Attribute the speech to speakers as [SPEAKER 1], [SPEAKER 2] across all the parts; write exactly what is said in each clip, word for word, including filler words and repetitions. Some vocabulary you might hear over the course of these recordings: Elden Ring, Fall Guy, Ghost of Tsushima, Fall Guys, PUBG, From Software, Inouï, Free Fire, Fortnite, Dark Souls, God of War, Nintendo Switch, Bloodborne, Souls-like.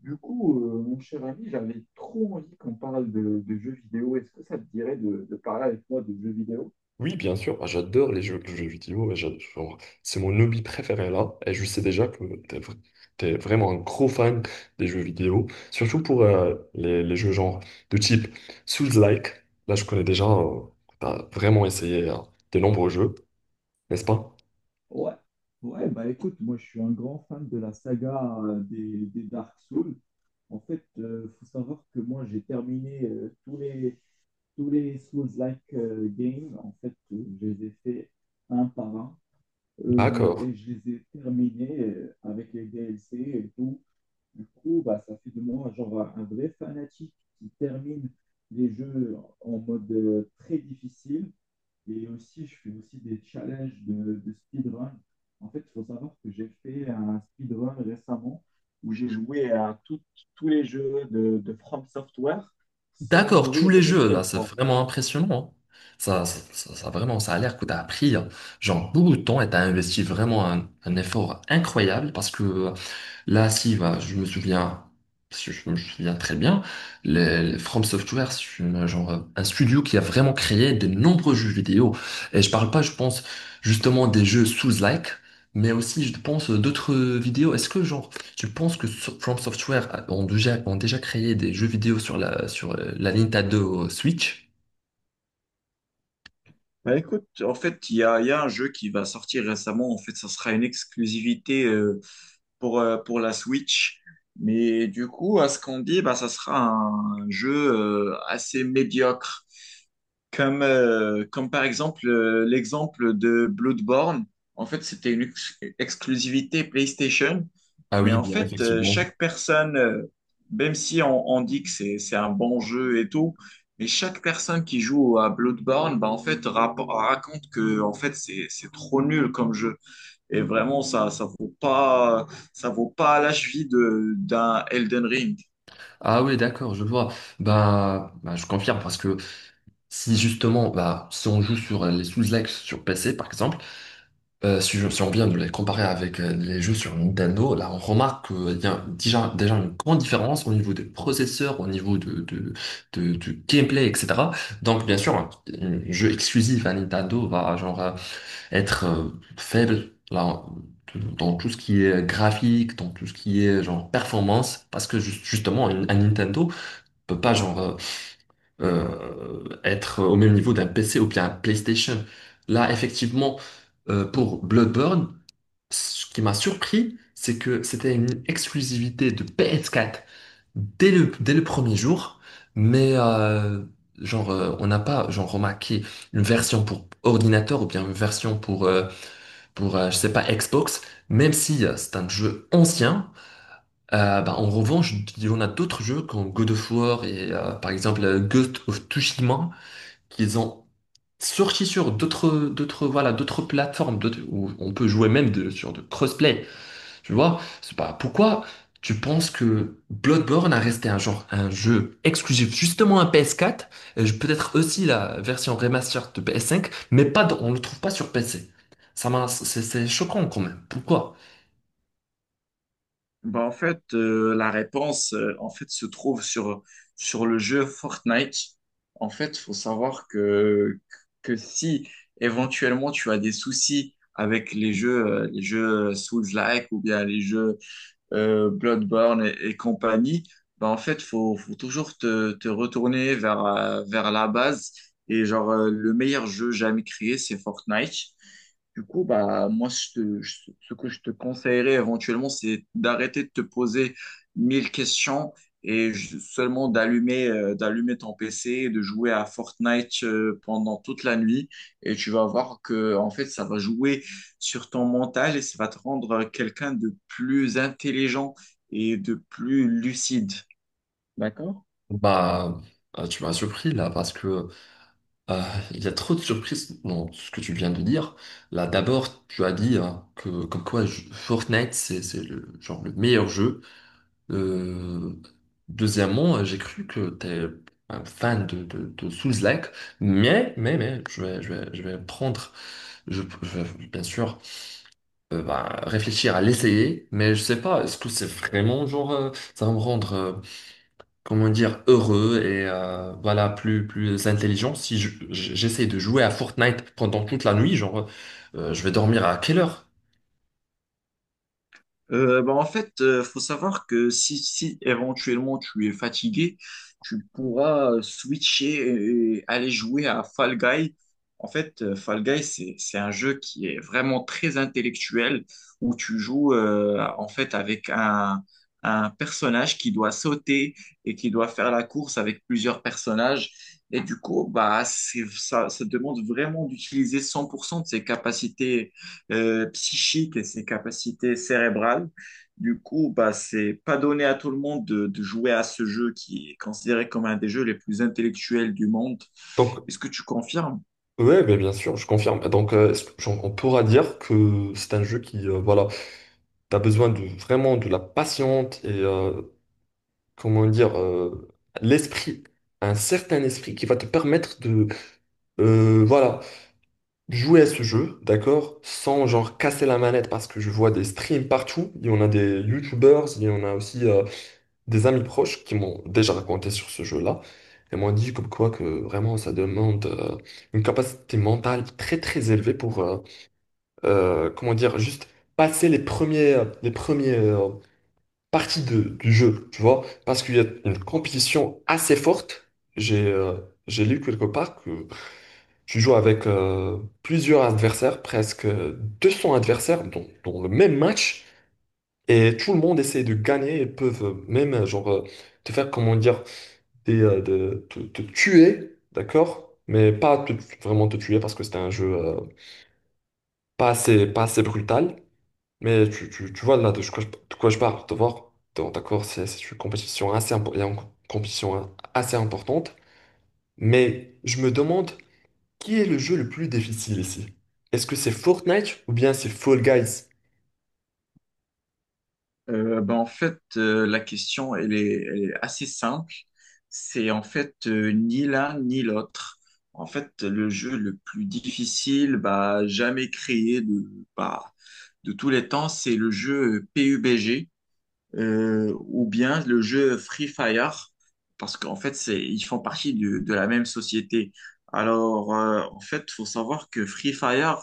[SPEAKER 1] Du coup, euh, mon cher ami, j'avais trop envie qu'on parle de, de jeux vidéo. Est-ce que ça te dirait de, de parler avec moi de jeux vidéo?
[SPEAKER 2] Oui, bien sûr. Ah, j'adore les jeux, les jeux vidéo, et j'ad- genre, c'est mon hobby préféré là, et je sais déjà que t'es, vr- t'es vraiment un gros fan des jeux vidéo, surtout pour euh, les, les jeux genre de type Souls-like, là je connais déjà, euh, t'as vraiment essayé euh, de nombreux jeux, n'est-ce pas?
[SPEAKER 1] Ouais, ouais, bah écoute, moi je suis un grand fan de la saga euh, des, des Dark Souls. En fait, euh, faut savoir que moi j'ai terminé euh, tous les, tous les Souls-like euh, games. En fait, euh, je les ai fait un par un euh,
[SPEAKER 2] D'accord.
[SPEAKER 1] et je les ai terminés euh, avec les D L C et tout. Du coup, bah, ça fait de moi genre un vrai fanatique qui termine les jeux en mode euh, très difficile. Et aussi, je fais aussi des challenges de, de speedrun. En fait, il faut savoir que j'ai fait un speedrun récemment où j'ai joué à tout- tous les jeux de, de From Software sans
[SPEAKER 2] D'accord, tous
[SPEAKER 1] mourir
[SPEAKER 2] les
[SPEAKER 1] une
[SPEAKER 2] jeux, là,
[SPEAKER 1] seule
[SPEAKER 2] c'est
[SPEAKER 1] fois.
[SPEAKER 2] vraiment impressionnant, hein. Ça, ça, ça, ça, vraiment, ça a l'air que tu as appris, hein, genre, beaucoup de temps et tu as investi vraiment un, un effort incroyable, parce que là, si, bah, je me souviens, parce que je me souviens très bien, les, les From Software, c'est une- genre, euh, un studio qui a vraiment créé de nombreux jeux vidéo. Et je parle pas, je pense, justement des jeux Souls-like, mais aussi, je pense, euh, d'autres vidéos. Est-ce que, genre, tu penses que So- From Software a- ont déjà, ont déjà créé des jeux vidéo sur la, sur euh, la Nintendo Switch?
[SPEAKER 1] Bah écoute, en fait, il y a, il y a un jeu qui va sortir récemment. En fait, ça sera une exclusivité euh, pour, euh, pour la Switch. Du coup, à ce qu'on dit, bah, ça sera un jeu euh, assez médiocre. Comme, euh, comme par exemple euh, l'exemple de Bloodborne. En fait, c'était une ex- exclusivité PlayStation.
[SPEAKER 2] Ah
[SPEAKER 1] Mais
[SPEAKER 2] oui,
[SPEAKER 1] en
[SPEAKER 2] bien,
[SPEAKER 1] fait, euh,
[SPEAKER 2] effectivement.
[SPEAKER 1] chaque personne, euh, même si on, on dit que c'est, c'est un bon jeu et tout, mais chaque personne qui joue à Bloodborne, bah, en fait, rapo- raconte que en fait, c'est, c'est trop nul comme jeu. Et vraiment, ça, ça vaut pas, ça vaut pas la cheville de, d'un Elden Ring.
[SPEAKER 2] Ah oui, d'accord, je vois. Bah, bah, je confirme, parce que si justement, bah, si on joue sur euh, les sous-like sur P C par exemple, euh, si, je- si on vient de les comparer avec euh, les jeux sur Nintendo, là on remarque qu'il y a déjà, déjà une grande différence au niveau des processeurs, au niveau de, de, de- du gameplay, et cetera. Donc bien sûr, un, un jeu exclusif à Nintendo va genre euh, être euh, faible là, dans tout ce qui est graphique, dans tout ce qui est genre performance, parce que ju- justement un un Nintendo peut pas genre euh, euh, être au même niveau d'un P C ou bien un PlayStation. Là, effectivement, euh, pour Bloodborne, ce qui m'a surpris, c'est que c'était une exclusivité de P S quatre dès le, dès le premier jour, mais euh, genre, euh, on n'a pas genre remarqué une version pour ordinateur ou bien une version pour, euh, pour euh, je sais pas, Xbox, même si euh, c'est un jeu ancien. Euh, bah, en revanche, il y en a d'autres jeux comme God of War et euh, par exemple euh, Ghost of Tsushima qu'ils ont sorti sur d'autres d'autres voilà, d'autres plateformes, d'autres- où on peut jouer même de- sur de crossplay, tu vois. C'est pas pourquoi tu penses que Bloodborne a resté un genre un jeu exclusif justement à P S quatre, et je- peut-être aussi la version remastered de P S cinq, mais pas dans- on le trouve pas sur P C? Ça m'a, c'est c'est choquant quand même, pourquoi?
[SPEAKER 1] Bah, en fait, euh, la réponse euh, en fait, se trouve sur, sur le jeu Fortnite. En fait, faut savoir que, que si éventuellement tu as des soucis avec les jeux, euh, les jeux Souls-like ou bien les jeux euh, Bloodborne et, et compagnie, bah en fait, faut, faut toujours te, te retourner vers, euh, vers la base. Et genre, euh, le meilleur jeu jamais créé, c'est Fortnite. Du coup, bah, moi, je te- je- ce que je te conseillerais éventuellement, c'est d'arrêter de te poser mille questions et ju- seulement d'allumer euh, d'allumer ton P C, et de jouer à Fortnite euh, pendant toute la nuit. Et tu vas voir que, en fait, ça va jouer sur ton mental et ça va te rendre quelqu'un de plus intelligent et de plus lucide.
[SPEAKER 2] Bah euh, tu m'as surpris là, parce que Euh, il y a trop de surprises dans ce que tu viens de dire. Là, d'abord, tu as dit, hein, que comme quoi je- Fortnite, c'est c'est le genre le meilleur jeu. Euh, Deuxièmement, euh, j'ai cru que t'es un fan de, de, de Souls-like, mais mais mais je vais je vais je vais prendre, je, je vais bien sûr euh, bah, réfléchir à l'essayer, mais je sais pas, est-ce que c'est vraiment genre euh, ça va me rendre euh, comment dire, heureux et euh, voilà, plus, plus intelligent. Si je- j'essaie de jouer à Fortnite pendant toute la nuit, genre, euh, je vais dormir à quelle heure?
[SPEAKER 1] Euh, bah, en fait, euh, faut savoir que si, si éventuellement tu es fatigué, tu pourras euh, switcher et aller jouer à Fall Guy. En fait, euh, Fall Guy, c'est, c'est un jeu qui est vraiment très intellectuel où tu joues euh, en fait avec un, un personnage qui doit sauter et qui doit faire la course avec plusieurs personnages. Et du coup, bah, c'est, ça, ça demande vraiment d'utiliser cent pour cent de ses capacités euh, psychique et ses capacités cérébrales. Du coup, bah, c'est pas donné à tout le monde de, de jouer à ce jeu qui est considéré comme un des jeux les plus intellectuels du monde.
[SPEAKER 2] Donc,
[SPEAKER 1] Est-ce que tu confirmes?
[SPEAKER 2] ouais, ben, bien sûr, je confirme. Bah, donc, euh, est-ce que, genre, on pourra dire que c'est un jeu qui, euh, voilà, t'as besoin de vraiment de la patience et, euh, comment dire, euh, l'esprit, un certain esprit qui va te permettre de, euh, voilà, jouer à ce jeu, d'accord, sans genre casser la manette parce que je vois des streams partout. Il y en a des YouTubers, il y en a aussi euh, des amis proches qui m'ont déjà raconté sur ce jeu-là et m'ont dit comme quoi que vraiment ça demande euh, une capacité mentale très très élevée pour euh, euh, comment dire, juste passer les premiers les premiers euh, parties de- du jeu, tu vois, parce qu'il y a une compétition assez forte. J'ai euh, j'ai lu quelque part que tu joues avec euh, plusieurs adversaires, presque deux cents adversaires dans, dans le même match, et tout le monde essaie de gagner et peuvent même euh, genre, euh, te faire, comment dire, des, euh, de, te, te tuer, d'accord? Mais pas te- vraiment te tuer parce que c'était un jeu euh, pas assez, pas assez brutal. Mais tu, tu, tu vois là de quoi je, de quoi je parle, de voir. Donc, d'accord, c'est c'est une compétition assez, impo- et une compétition, hein, assez importante. Mais je me demande, qui est le jeu le plus difficile ici? Est-ce que c'est Fortnite ou bien c'est Fall Guys?
[SPEAKER 1] Euh, bah, en fait, euh, la question, elle est, elle est assez simple. C'est en fait euh, ni l'un ni l'autre. En fait, le jeu le plus difficile, bah, jamais créé de, bah, de tous les temps, c'est le jeu P U B G. Euh, ou bien le jeu Free Fire, parce qu'en fait, c'est, ils font partie du- de la même société. Alors, euh, en fait, faut savoir que Free Fire,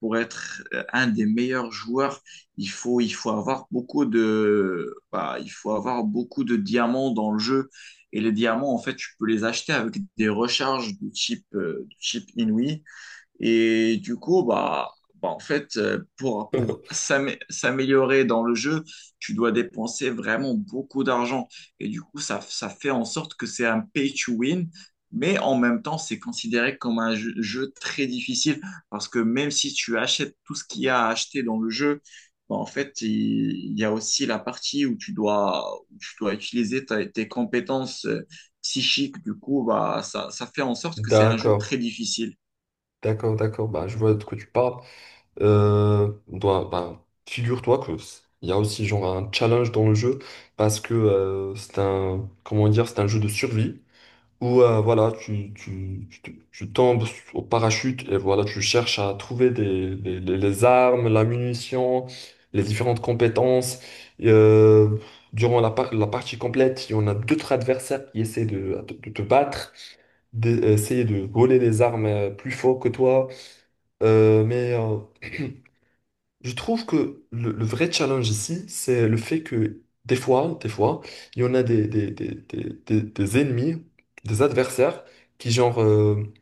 [SPEAKER 1] pour être euh, un des meilleurs joueurs, il faut, il faut avoir beaucoup de, bah, il faut avoir beaucoup de diamants dans le jeu. Et les diamants, en fait, tu peux les acheter avec des recharges du type, euh, du type Inouï. Et du coup, bah, bah, en fait, euh, pour, pour s'amé- s'améliorer dans le jeu, tu dois dépenser vraiment beaucoup d'argent. Et du coup, ça, ça fait en sorte que c'est un pay to win, mais en même temps, c'est considéré comme un jeu, jeu très difficile parce que même si tu achètes tout ce qu'il y a à acheter dans le jeu, bah, en fait, il, il y a aussi la partie où tu dois, où tu dois utiliser ta- tes compétences euh, psychiques. Du coup, bah, ça, ça fait en sorte que c'est un jeu
[SPEAKER 2] D'accord,
[SPEAKER 1] très difficile.
[SPEAKER 2] d'accord, d'accord. Bah, je vois de quoi tu parles. Euh, dois- bah, figure-toi que c- il y a aussi genre un challenge dans le jeu, parce que euh, c'est un, comment dire, c'est un jeu de survie, où euh, voilà, tu, tu, tu, te- tu tombes au parachute et voilà, tu cherches à trouver des, les, les- les armes, la munition, les différentes compétences. Et, euh, durant la, par- la partie complète, il y en a d'autres adversaires qui essaient de, de, de te battre, d'essayer de voler les armes euh, plus fort que toi. Euh, mais euh, je trouve que le, le vrai challenge ici, c'est le fait que des fois, des fois, il y en a des, des, des, des, des- des ennemis, des adversaires, qui genre euh,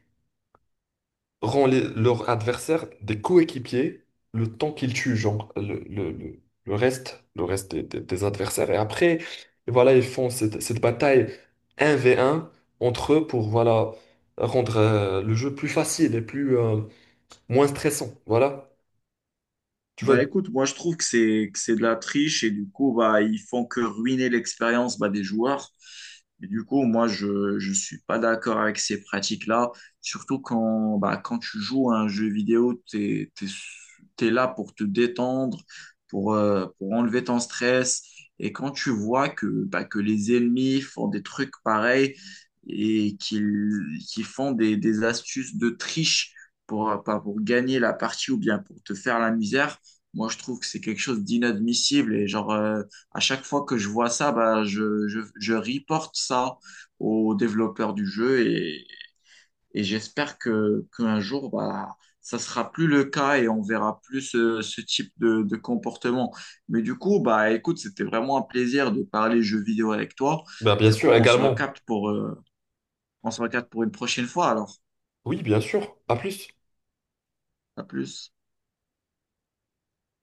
[SPEAKER 2] rend les- leurs adversaires des coéquipiers le temps qu'ils tuent, genre le, le, le, le reste, le reste des, des, des adversaires. Et après, et voilà, ils font cette, cette bataille un v un entre eux pour voilà rendre euh, le jeu plus facile et plus euh, moins stressant. Voilà. Tu
[SPEAKER 1] Bah
[SPEAKER 2] vois,
[SPEAKER 1] écoute, moi je trouve que c'est que c'est de la triche et du coup bah ils font que ruiner l'expérience bah, des joueurs. Et du coup moi je je suis pas d'accord avec ces pratiques-là, surtout quand bah quand tu joues à un jeu vidéo, t'es t'es t'es là pour te détendre, pour euh, pour enlever ton stress et quand tu vois que bah que les ennemis font des trucs pareils et qu'ils qu'ils font des des astuces de triche pour pas pour gagner la partie ou bien pour te faire la misère. Moi, je trouve que c'est quelque chose d'inadmissible et genre euh, à chaque fois que je vois ça, bah je je je reporte ça aux développeurs du jeu et et j'espère que qu'un jour bah ça sera plus le cas et on verra plus ce, ce type de de comportement. Mais du coup, bah écoute, c'était vraiment un plaisir de parler jeux vidéo avec toi.
[SPEAKER 2] ben, bien
[SPEAKER 1] Du coup,
[SPEAKER 2] sûr,
[SPEAKER 1] on se
[SPEAKER 2] également.
[SPEAKER 1] recapte pour euh, on se recapte pour une prochaine fois alors.
[SPEAKER 2] Oui, bien sûr. À plus.
[SPEAKER 1] À plus.